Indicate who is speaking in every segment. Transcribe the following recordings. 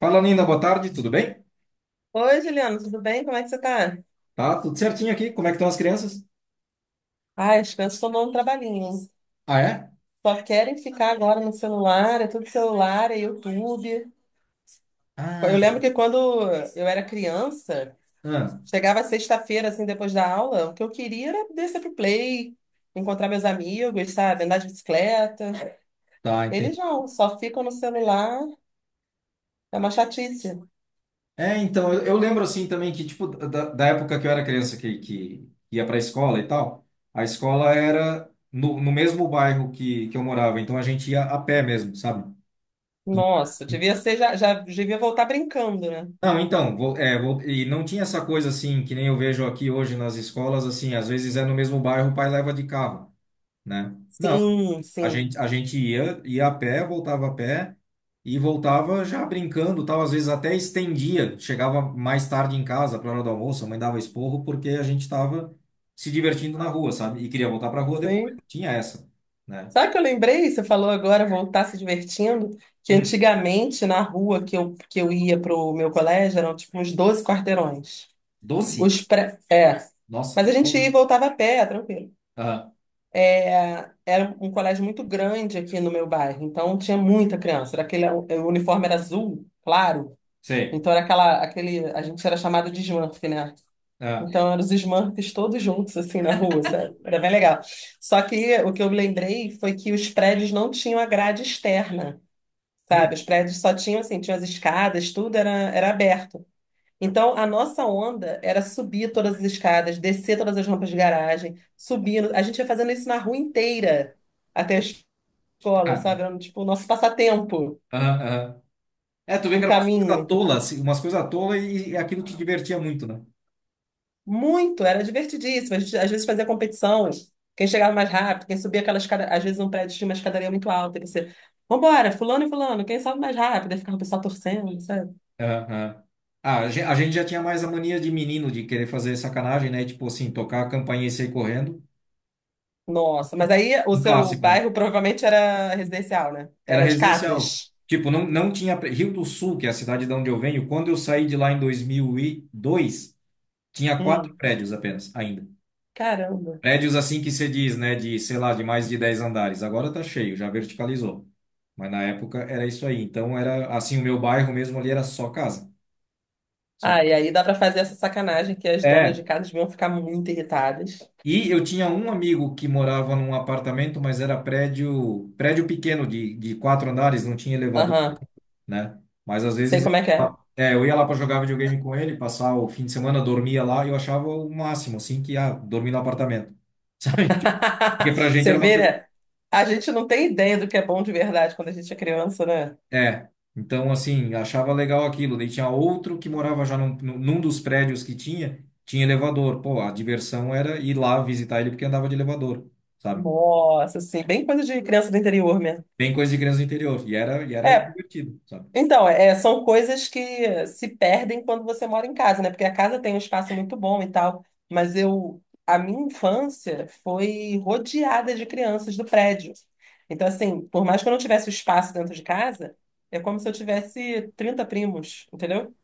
Speaker 1: Fala, Nina, boa tarde, tudo bem?
Speaker 2: Oi, Juliana, tudo bem? Como é que você tá?
Speaker 1: Tá tudo certinho aqui? Como é que estão as crianças?
Speaker 2: Ai, as crianças estão dando um trabalhinho, hein?
Speaker 1: Ah, é?
Speaker 2: Só querem ficar agora no celular, é tudo celular, é YouTube. Eu
Speaker 1: Ah,
Speaker 2: lembro que quando eu era criança,
Speaker 1: ah,
Speaker 2: chegava sexta-feira, assim, depois da aula, o que eu queria era descer pro play, encontrar meus amigos, sabe? Andar de bicicleta.
Speaker 1: tá,
Speaker 2: Eles
Speaker 1: entendi.
Speaker 2: não, só ficam no celular, é uma chatice.
Speaker 1: É, então, eu lembro assim também que, tipo, da época que eu era criança que ia pra escola e tal, a escola era no mesmo bairro que eu morava, então a gente ia a pé mesmo, sabe? E-
Speaker 2: Nossa,
Speaker 1: e-
Speaker 2: devia ser, já devia voltar brincando, né?
Speaker 1: Não, então, e não tinha essa coisa assim, que nem eu vejo aqui hoje nas escolas, assim, às vezes é no mesmo bairro, o pai leva de carro, né? Não.
Speaker 2: Sim,
Speaker 1: A
Speaker 2: sim.
Speaker 1: gente, a gente ia a pé, voltava a pé e voltava já brincando, tal, às vezes até estendia, chegava mais tarde em casa para hora do almoço, a mãe dava esporro porque a gente estava se divertindo na rua, sabe? E queria voltar para rua depois,
Speaker 2: Sim,
Speaker 1: tinha essa, né?
Speaker 2: sabe o que eu lembrei? Você falou agora voltar se divertindo, que
Speaker 1: Hum,
Speaker 2: antigamente na rua que eu ia para o meu colégio eram tipo uns 12 quarteirões.
Speaker 1: doce?
Speaker 2: É. Mas
Speaker 1: Nossa,
Speaker 2: a
Speaker 1: é
Speaker 2: gente
Speaker 1: bom,
Speaker 2: ia e
Speaker 1: né?
Speaker 2: voltava a pé, tranquilo.
Speaker 1: Aham,
Speaker 2: É, era um colégio muito grande aqui no meu bairro, então tinha muita criança. Era aquele, o uniforme era azul, claro.
Speaker 1: sei.
Speaker 2: Então era a gente era chamado de Smurf, né?
Speaker 1: Aham,
Speaker 2: Então, eram os Smurfs todos juntos, assim, na rua, sabe? Era bem legal. Só que o que eu me lembrei foi que os prédios não tinham a grade externa,
Speaker 1: hum,
Speaker 2: sabe? Os prédios só tinham, assim, tinham as escadas, tudo era aberto. Então, a nossa onda era subir todas as escadas, descer todas as rampas de garagem, subindo. A gente ia fazendo isso na rua inteira, até a escola,
Speaker 1: cara.
Speaker 2: sabe? Era, tipo, o nosso passatempo
Speaker 1: Aham, aham. É, tu vê que
Speaker 2: no
Speaker 1: eram umas coisas
Speaker 2: caminho.
Speaker 1: tolas, assim, umas coisas tolas e aquilo te divertia muito, né?
Speaker 2: Muito, era divertidíssimo. A gente, às vezes fazia competição, quem chegava mais rápido, quem subia aquelas escadas, às vezes um prédio tinha uma escadaria muito alta, e você, vambora, fulano e fulano, quem sobe mais rápido? Aí ficava o pessoal torcendo, sabe?
Speaker 1: Aham. Ah, a gente já tinha mais a mania de menino de querer fazer sacanagem, né? Tipo assim, tocar a campainha e sair correndo.
Speaker 2: Nossa, mas aí o
Speaker 1: Um
Speaker 2: seu
Speaker 1: clássico, né?
Speaker 2: bairro provavelmente era residencial, né?
Speaker 1: Era
Speaker 2: Era de
Speaker 1: residencial.
Speaker 2: casas.
Speaker 1: Tipo, não tinha. Rio do Sul, que é a cidade de onde eu venho, quando eu saí de lá em 2002, tinha quatro
Speaker 2: Hum,
Speaker 1: prédios apenas, ainda.
Speaker 2: caramba.
Speaker 1: Prédios assim que se diz, né? De, sei lá, de mais de 10 andares. Agora tá cheio, já verticalizou. Mas na época era isso aí. Então era assim, o meu bairro mesmo ali era só casa. Só
Speaker 2: Ah, e
Speaker 1: casa.
Speaker 2: aí dá pra fazer essa sacanagem que as donas de casas vão ficar muito irritadas.
Speaker 1: E eu tinha um amigo que morava num apartamento, mas era prédio, prédio pequeno de 4 andares, não tinha elevador,
Speaker 2: Aham,
Speaker 1: né? Mas às
Speaker 2: sei
Speaker 1: vezes
Speaker 2: como é que é.
Speaker 1: eu ia lá para jogar videogame com ele, passar o fim de semana, dormia lá, e eu achava o máximo, assim, que ah, dormir no apartamento. Sabe? Tipo, porque pra gente
Speaker 2: Você
Speaker 1: era uma
Speaker 2: vê,
Speaker 1: coisa.
Speaker 2: né? A gente não tem ideia do que é bom de verdade quando a gente é criança, né?
Speaker 1: É. Então, assim, achava legal aquilo. Daí tinha outro que morava já num dos prédios que tinha elevador. Pô, a diversão era ir lá visitar ele porque andava de elevador, sabe?
Speaker 2: Nossa, assim, bem coisa de criança do interior mesmo.
Speaker 1: Bem coisa de criança do interior. E era
Speaker 2: É,
Speaker 1: divertido, sabe?
Speaker 2: então, é, são coisas que se perdem quando você mora em casa, né? Porque a casa tem um espaço muito bom e tal, mas a minha infância foi rodeada de crianças do prédio. Então, assim, por mais que eu não tivesse o espaço dentro de casa, é como se eu tivesse 30 primos, entendeu?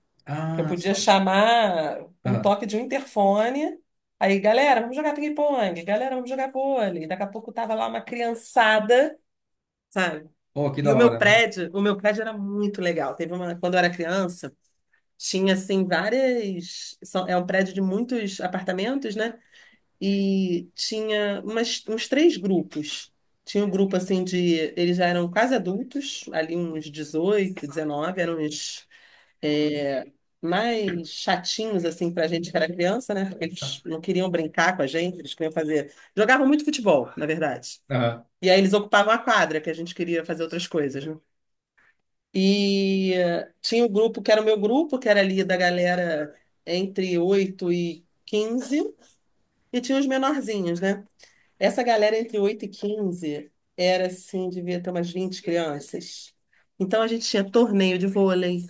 Speaker 2: Que eu
Speaker 1: Ah,
Speaker 2: podia
Speaker 1: só.
Speaker 2: chamar um
Speaker 1: Aham.
Speaker 2: toque de um interfone. Aí, galera, vamos jogar ping-pong, galera, vamos jogar vôlei. Daqui a pouco tava lá uma criançada, sabe?
Speaker 1: Oh, que
Speaker 2: E
Speaker 1: da
Speaker 2: o meu
Speaker 1: hora, né?
Speaker 2: prédio, o meu prédio era muito legal. Quando eu era criança, tinha assim várias, é um prédio de muitos apartamentos, né? E tinha uns três grupos. Tinha um grupo assim de, eles já eram quase adultos, ali uns 18, 19 eram uns é, mais chatinhos assim pra gente que era criança, né? Porque eles não queriam brincar com a gente, eles queriam fazer, jogavam muito futebol, na verdade.
Speaker 1: Aham.
Speaker 2: E aí eles ocupavam a quadra, que a gente queria fazer outras coisas, né? E tinha o grupo que era o meu grupo, que era ali da galera entre 8 e 15 e tinha os menorzinhos, né? Essa galera entre 8 e 15 era assim, devia ter umas 20 crianças. Então a gente tinha torneio de vôlei,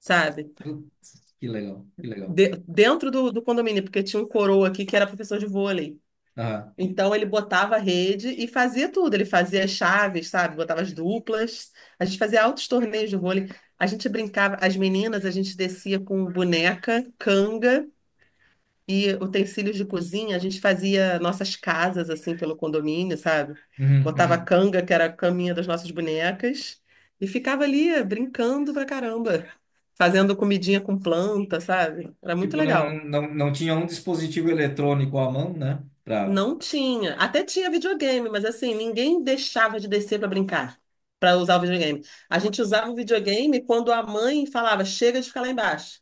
Speaker 2: sabe?
Speaker 1: Putz, que legal, que legal.
Speaker 2: Dentro do condomínio, porque tinha um coroa aqui que era professor de vôlei.
Speaker 1: Aham.
Speaker 2: Então ele botava a rede e fazia tudo. Ele fazia as chaves, sabe? Botava as duplas. A gente fazia altos torneios de vôlei. A gente brincava, as meninas, a gente descia com boneca, canga e utensílios de cozinha. A gente fazia nossas casas assim pelo condomínio, sabe?
Speaker 1: Uhum,
Speaker 2: Botava a
Speaker 1: uhum.
Speaker 2: canga, que era a caminha das nossas bonecas, e ficava ali brincando pra caramba, fazendo comidinha com planta, sabe? Era muito
Speaker 1: Tipo, não,
Speaker 2: legal.
Speaker 1: não, não não tinha um dispositivo eletrônico à mão, né? Pra...
Speaker 2: Não tinha. Até tinha videogame, mas assim, ninguém deixava de descer para brincar, para usar o videogame. A gente usava o videogame quando a mãe falava, chega de ficar lá embaixo.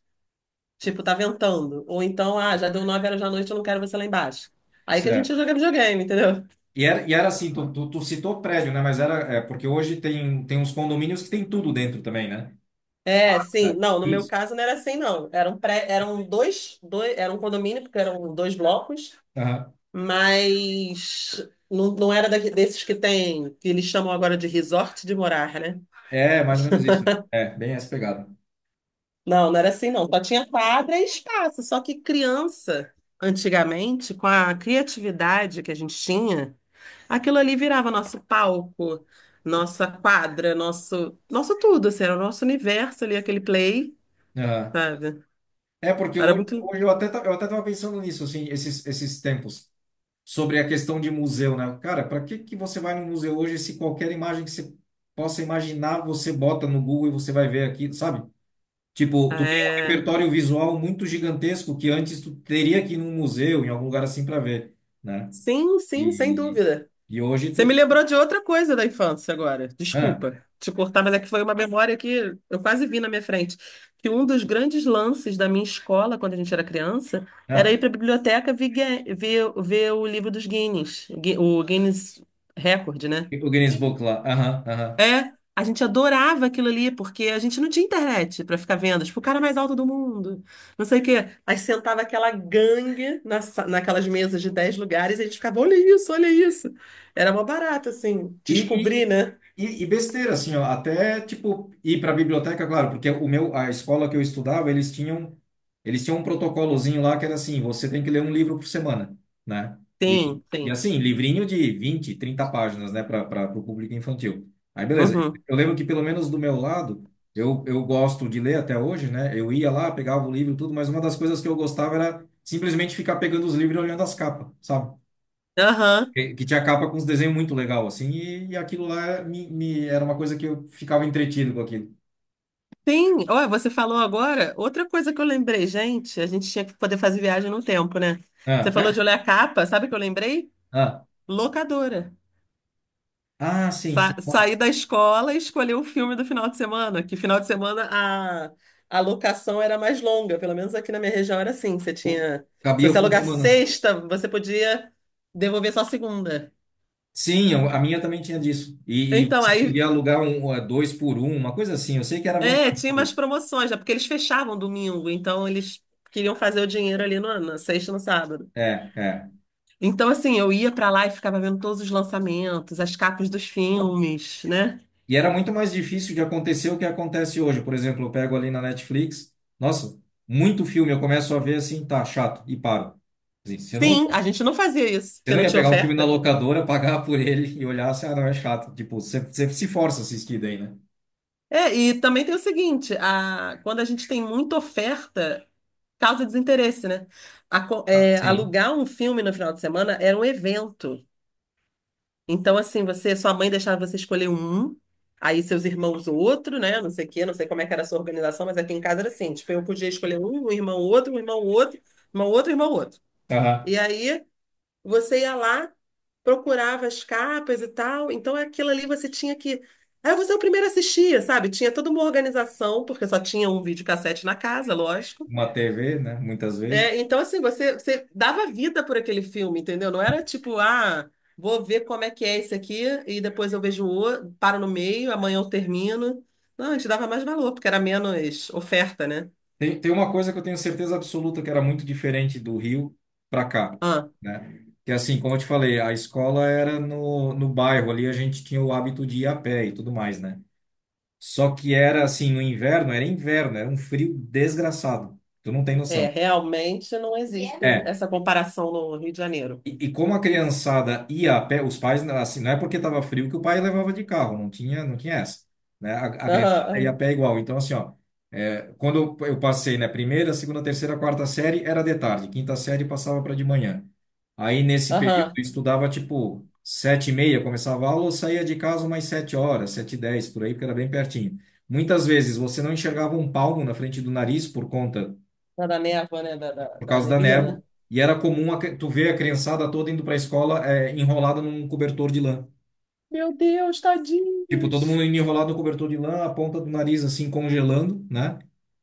Speaker 2: Tipo, tá ventando. Ou então, ah, já deu 9 horas da noite, eu não quero você lá embaixo. Aí que a gente
Speaker 1: Certo.
Speaker 2: ia jogar videogame, entendeu?
Speaker 1: E era assim, tu citou prédio, né? Mas era, é, porque hoje tem, tem uns condomínios que tem tudo dentro também, né?
Speaker 2: É, sim.
Speaker 1: Tá.
Speaker 2: Não, no meu
Speaker 1: Isso.
Speaker 2: caso não era assim, não. Era um condomínio, porque eram dois blocos,
Speaker 1: Aham.
Speaker 2: mas não, não era desses que tem, que eles chamam agora de resort de morar.
Speaker 1: É, mais ou menos isso. Né? É, bem essa pegada.
Speaker 2: Não, não era assim, não. Só tinha quadra e espaço. Só que criança, antigamente, com a criatividade que a gente tinha, aquilo ali virava nosso palco, nossa quadra, nosso tudo, assim, era o nosso universo ali, aquele play,
Speaker 1: Aham.
Speaker 2: sabe?
Speaker 1: É, porque
Speaker 2: Era
Speaker 1: hoje,
Speaker 2: muito.
Speaker 1: hoje eu até, eu até tava pensando nisso, assim, esses, esses tempos. Sobre a questão de museu, né? Cara, para que que você vai no museu hoje se qualquer imagem que você possa imaginar, você bota no Google e você vai ver aqui, sabe? Tipo, tu tem um
Speaker 2: É...
Speaker 1: repertório visual muito gigantesco que antes tu teria que ir num museu, em algum lugar assim para ver, né?
Speaker 2: Sim, sim, sem
Speaker 1: E,
Speaker 2: dúvida.
Speaker 1: e hoje
Speaker 2: Você me
Speaker 1: tu...
Speaker 2: lembrou de outra coisa da infância agora.
Speaker 1: Ah,
Speaker 2: Desculpa te cortar, mas é que foi uma memória que eu quase vi na minha frente. Que um dos grandes lances da minha escola, quando a gente era criança, era
Speaker 1: ah,
Speaker 2: ir para a biblioteca ver o livro dos Guinness, Gui- o Guinness Record, né?
Speaker 1: O Guinness Book lá. Aham, aham.
Speaker 2: É, a gente adorava aquilo ali, porque a gente não tinha internet pra ficar vendo, tipo, o cara mais alto do mundo, não sei o quê. Aí sentava aquela gangue naquelas mesas de 10 lugares e a gente ficava, olha isso, olha isso. Era mó barato, assim,
Speaker 1: E, e,
Speaker 2: descobrir, né?
Speaker 1: e besteira, assim, ó, até, tipo, ir para a biblioteca, claro, porque o meu, a escola que eu estudava, eles tinham um protocolozinho lá que era assim, você tem que ler um livro por semana, né? E,
Speaker 2: Sim,
Speaker 1: e
Speaker 2: sim.
Speaker 1: assim, livrinho de 20 30 páginas, né, para o público infantil. Aí, beleza.
Speaker 2: Uhum.
Speaker 1: Eu lembro que, pelo menos do meu lado, eu gosto de ler até hoje, né? Eu ia lá, pegava o livro e tudo, mas uma das coisas que eu gostava era simplesmente ficar pegando os livros e olhando as capas, sabe?
Speaker 2: Aham.
Speaker 1: Que tinha capa com uns desenhos muito legal, assim, e aquilo lá era uma coisa que eu ficava entretido com aquilo.
Speaker 2: Sim, olha, você falou agora, outra coisa que eu lembrei, gente, a gente tinha que poder fazer viagem no tempo, né? Você falou de
Speaker 1: Ah,
Speaker 2: olhar a capa, sabe o que eu lembrei?
Speaker 1: ah,
Speaker 2: Locadora.
Speaker 1: ah, sim, sim.
Speaker 2: Sa saí da escola e escolhi o filme do final de semana, que final de semana a locação era mais longa, pelo menos aqui na minha região era assim. Se
Speaker 1: Cabia o
Speaker 2: você
Speaker 1: fim de
Speaker 2: alugar
Speaker 1: semana.
Speaker 2: sexta, você podia devolver só segunda.
Speaker 1: Sim, a minha também tinha disso. E
Speaker 2: Então,
Speaker 1: você
Speaker 2: aí,
Speaker 1: podia alugar um, dois por um, uma coisa assim. Eu sei que era
Speaker 2: tinha umas
Speaker 1: vantajoso.
Speaker 2: promoções, né? Porque eles fechavam domingo, então eles queriam fazer o dinheiro ali na sexta e no sábado.
Speaker 1: É, é.
Speaker 2: Então, assim, eu ia pra lá e ficava vendo todos os lançamentos, as capas dos filmes, né?
Speaker 1: E era muito mais difícil de acontecer o que acontece hoje. Por exemplo, eu pego ali na Netflix, nossa, muito filme, eu começo a ver assim, tá chato, e paro. Assim, Você não
Speaker 2: Sim, a gente não fazia isso,
Speaker 1: Você
Speaker 2: porque
Speaker 1: não
Speaker 2: não
Speaker 1: ia
Speaker 2: tinha
Speaker 1: pegar um filme na
Speaker 2: oferta.
Speaker 1: locadora, pagar por ele e olhar, assim, ah, não, é chato. Tipo, você, você se força a assistir daí, né?
Speaker 2: É, e também tem o seguinte, quando a gente tem muita oferta, causa desinteresse, né? A co-
Speaker 1: Ah,
Speaker 2: é,
Speaker 1: sim.
Speaker 2: alugar um filme no final de semana era um evento. Então, assim, sua mãe deixava você escolher um, aí seus irmãos outro, né? Não sei o quê, não sei como é que era a sua organização, mas aqui em casa era assim, tipo, eu podia escolher um, um irmão outro, irmão outro, irmão outro.
Speaker 1: Aham.
Speaker 2: E aí você ia lá, procurava as capas e tal, então aquilo ali você tinha que. Aí você é o primeiro a assistir, sabe? Tinha toda uma organização, porque só tinha um videocassete na casa, lógico.
Speaker 1: Uma TV, né? Muitas vezes.
Speaker 2: É, então, assim, você dava vida por aquele filme, entendeu? Não era tipo, ah, vou ver como é que é esse aqui, e depois eu vejo o outro, paro no meio, amanhã eu termino. Não, a gente dava mais valor, porque era menos oferta, né?
Speaker 1: Tem, tem uma coisa que eu tenho certeza absoluta que era muito diferente do Rio para cá,
Speaker 2: Ah,
Speaker 1: né? Que assim, como eu te falei, a escola era no bairro ali, a gente tinha o hábito de ir a pé e tudo mais, né? Só que era assim, no inverno, era um frio desgraçado. Tu não tem
Speaker 2: é,
Speaker 1: noção.
Speaker 2: realmente não existe
Speaker 1: É.
Speaker 2: essa comparação no Rio de Janeiro.
Speaker 1: E, e como a criançada ia a pé, os pais, assim, não é porque estava frio que o pai levava de carro, não tinha essa, né? A
Speaker 2: Aham,
Speaker 1: criançada ia a
Speaker 2: aham.
Speaker 1: pé igual. Então, assim, ó, é, quando eu passei, né, primeira, segunda, terceira, quarta série era de tarde, quinta série passava para de manhã. Aí, nesse período,
Speaker 2: Aham.
Speaker 1: eu estudava, tipo, 7:30, começava a aula, eu saía de casa umas 7 horas, 7:10, por aí, porque era bem pertinho. Muitas vezes você não enxergava um palmo na frente do nariz
Speaker 2: Da névoa, né? Da, da,
Speaker 1: por
Speaker 2: da
Speaker 1: causa da névoa,
Speaker 2: neblina.
Speaker 1: e era comum tu ver a criançada toda indo para a escola enrolada num cobertor de lã.
Speaker 2: Meu Deus,
Speaker 1: Tipo, todo
Speaker 2: tadinhos.
Speaker 1: mundo indo enrolado no cobertor de lã, a ponta do nariz assim congelando, né?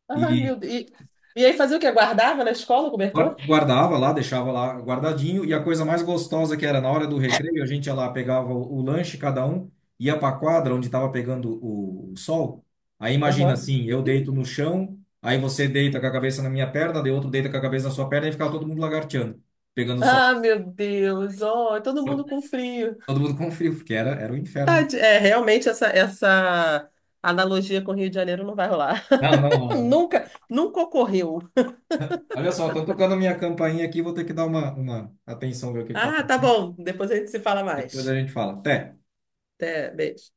Speaker 2: Ai, meu
Speaker 1: E
Speaker 2: Deus. E aí fazia o quê? Guardava na escola o cobertor?
Speaker 1: guardava lá, deixava lá guardadinho, e a coisa mais gostosa que era na hora do recreio, a gente ia lá, pegava o lanche, cada um, ia para a quadra onde estava pegando o sol. Aí imagina
Speaker 2: Aham.
Speaker 1: assim, eu deito no chão, aí você deita com a cabeça na minha perna, de outro deita com a cabeça na sua perna e ficava todo mundo lagarteando, pegando sol.
Speaker 2: Ah, meu Deus. Oh, todo mundo com frio.
Speaker 1: Todo mundo com frio, porque era, era um inferno.
Speaker 2: É, realmente essa analogia com o Rio de Janeiro não vai rolar.
Speaker 1: Não, não rola, né?
Speaker 2: Nunca, nunca ocorreu.
Speaker 1: Olha só, tô tocando minha campainha aqui, vou ter que dar uma atenção, ver o que que tá
Speaker 2: Ah, tá
Speaker 1: acontecendo.
Speaker 2: bom. Depois a gente se fala
Speaker 1: Depois a
Speaker 2: mais.
Speaker 1: gente fala. Até.
Speaker 2: Até, beijo.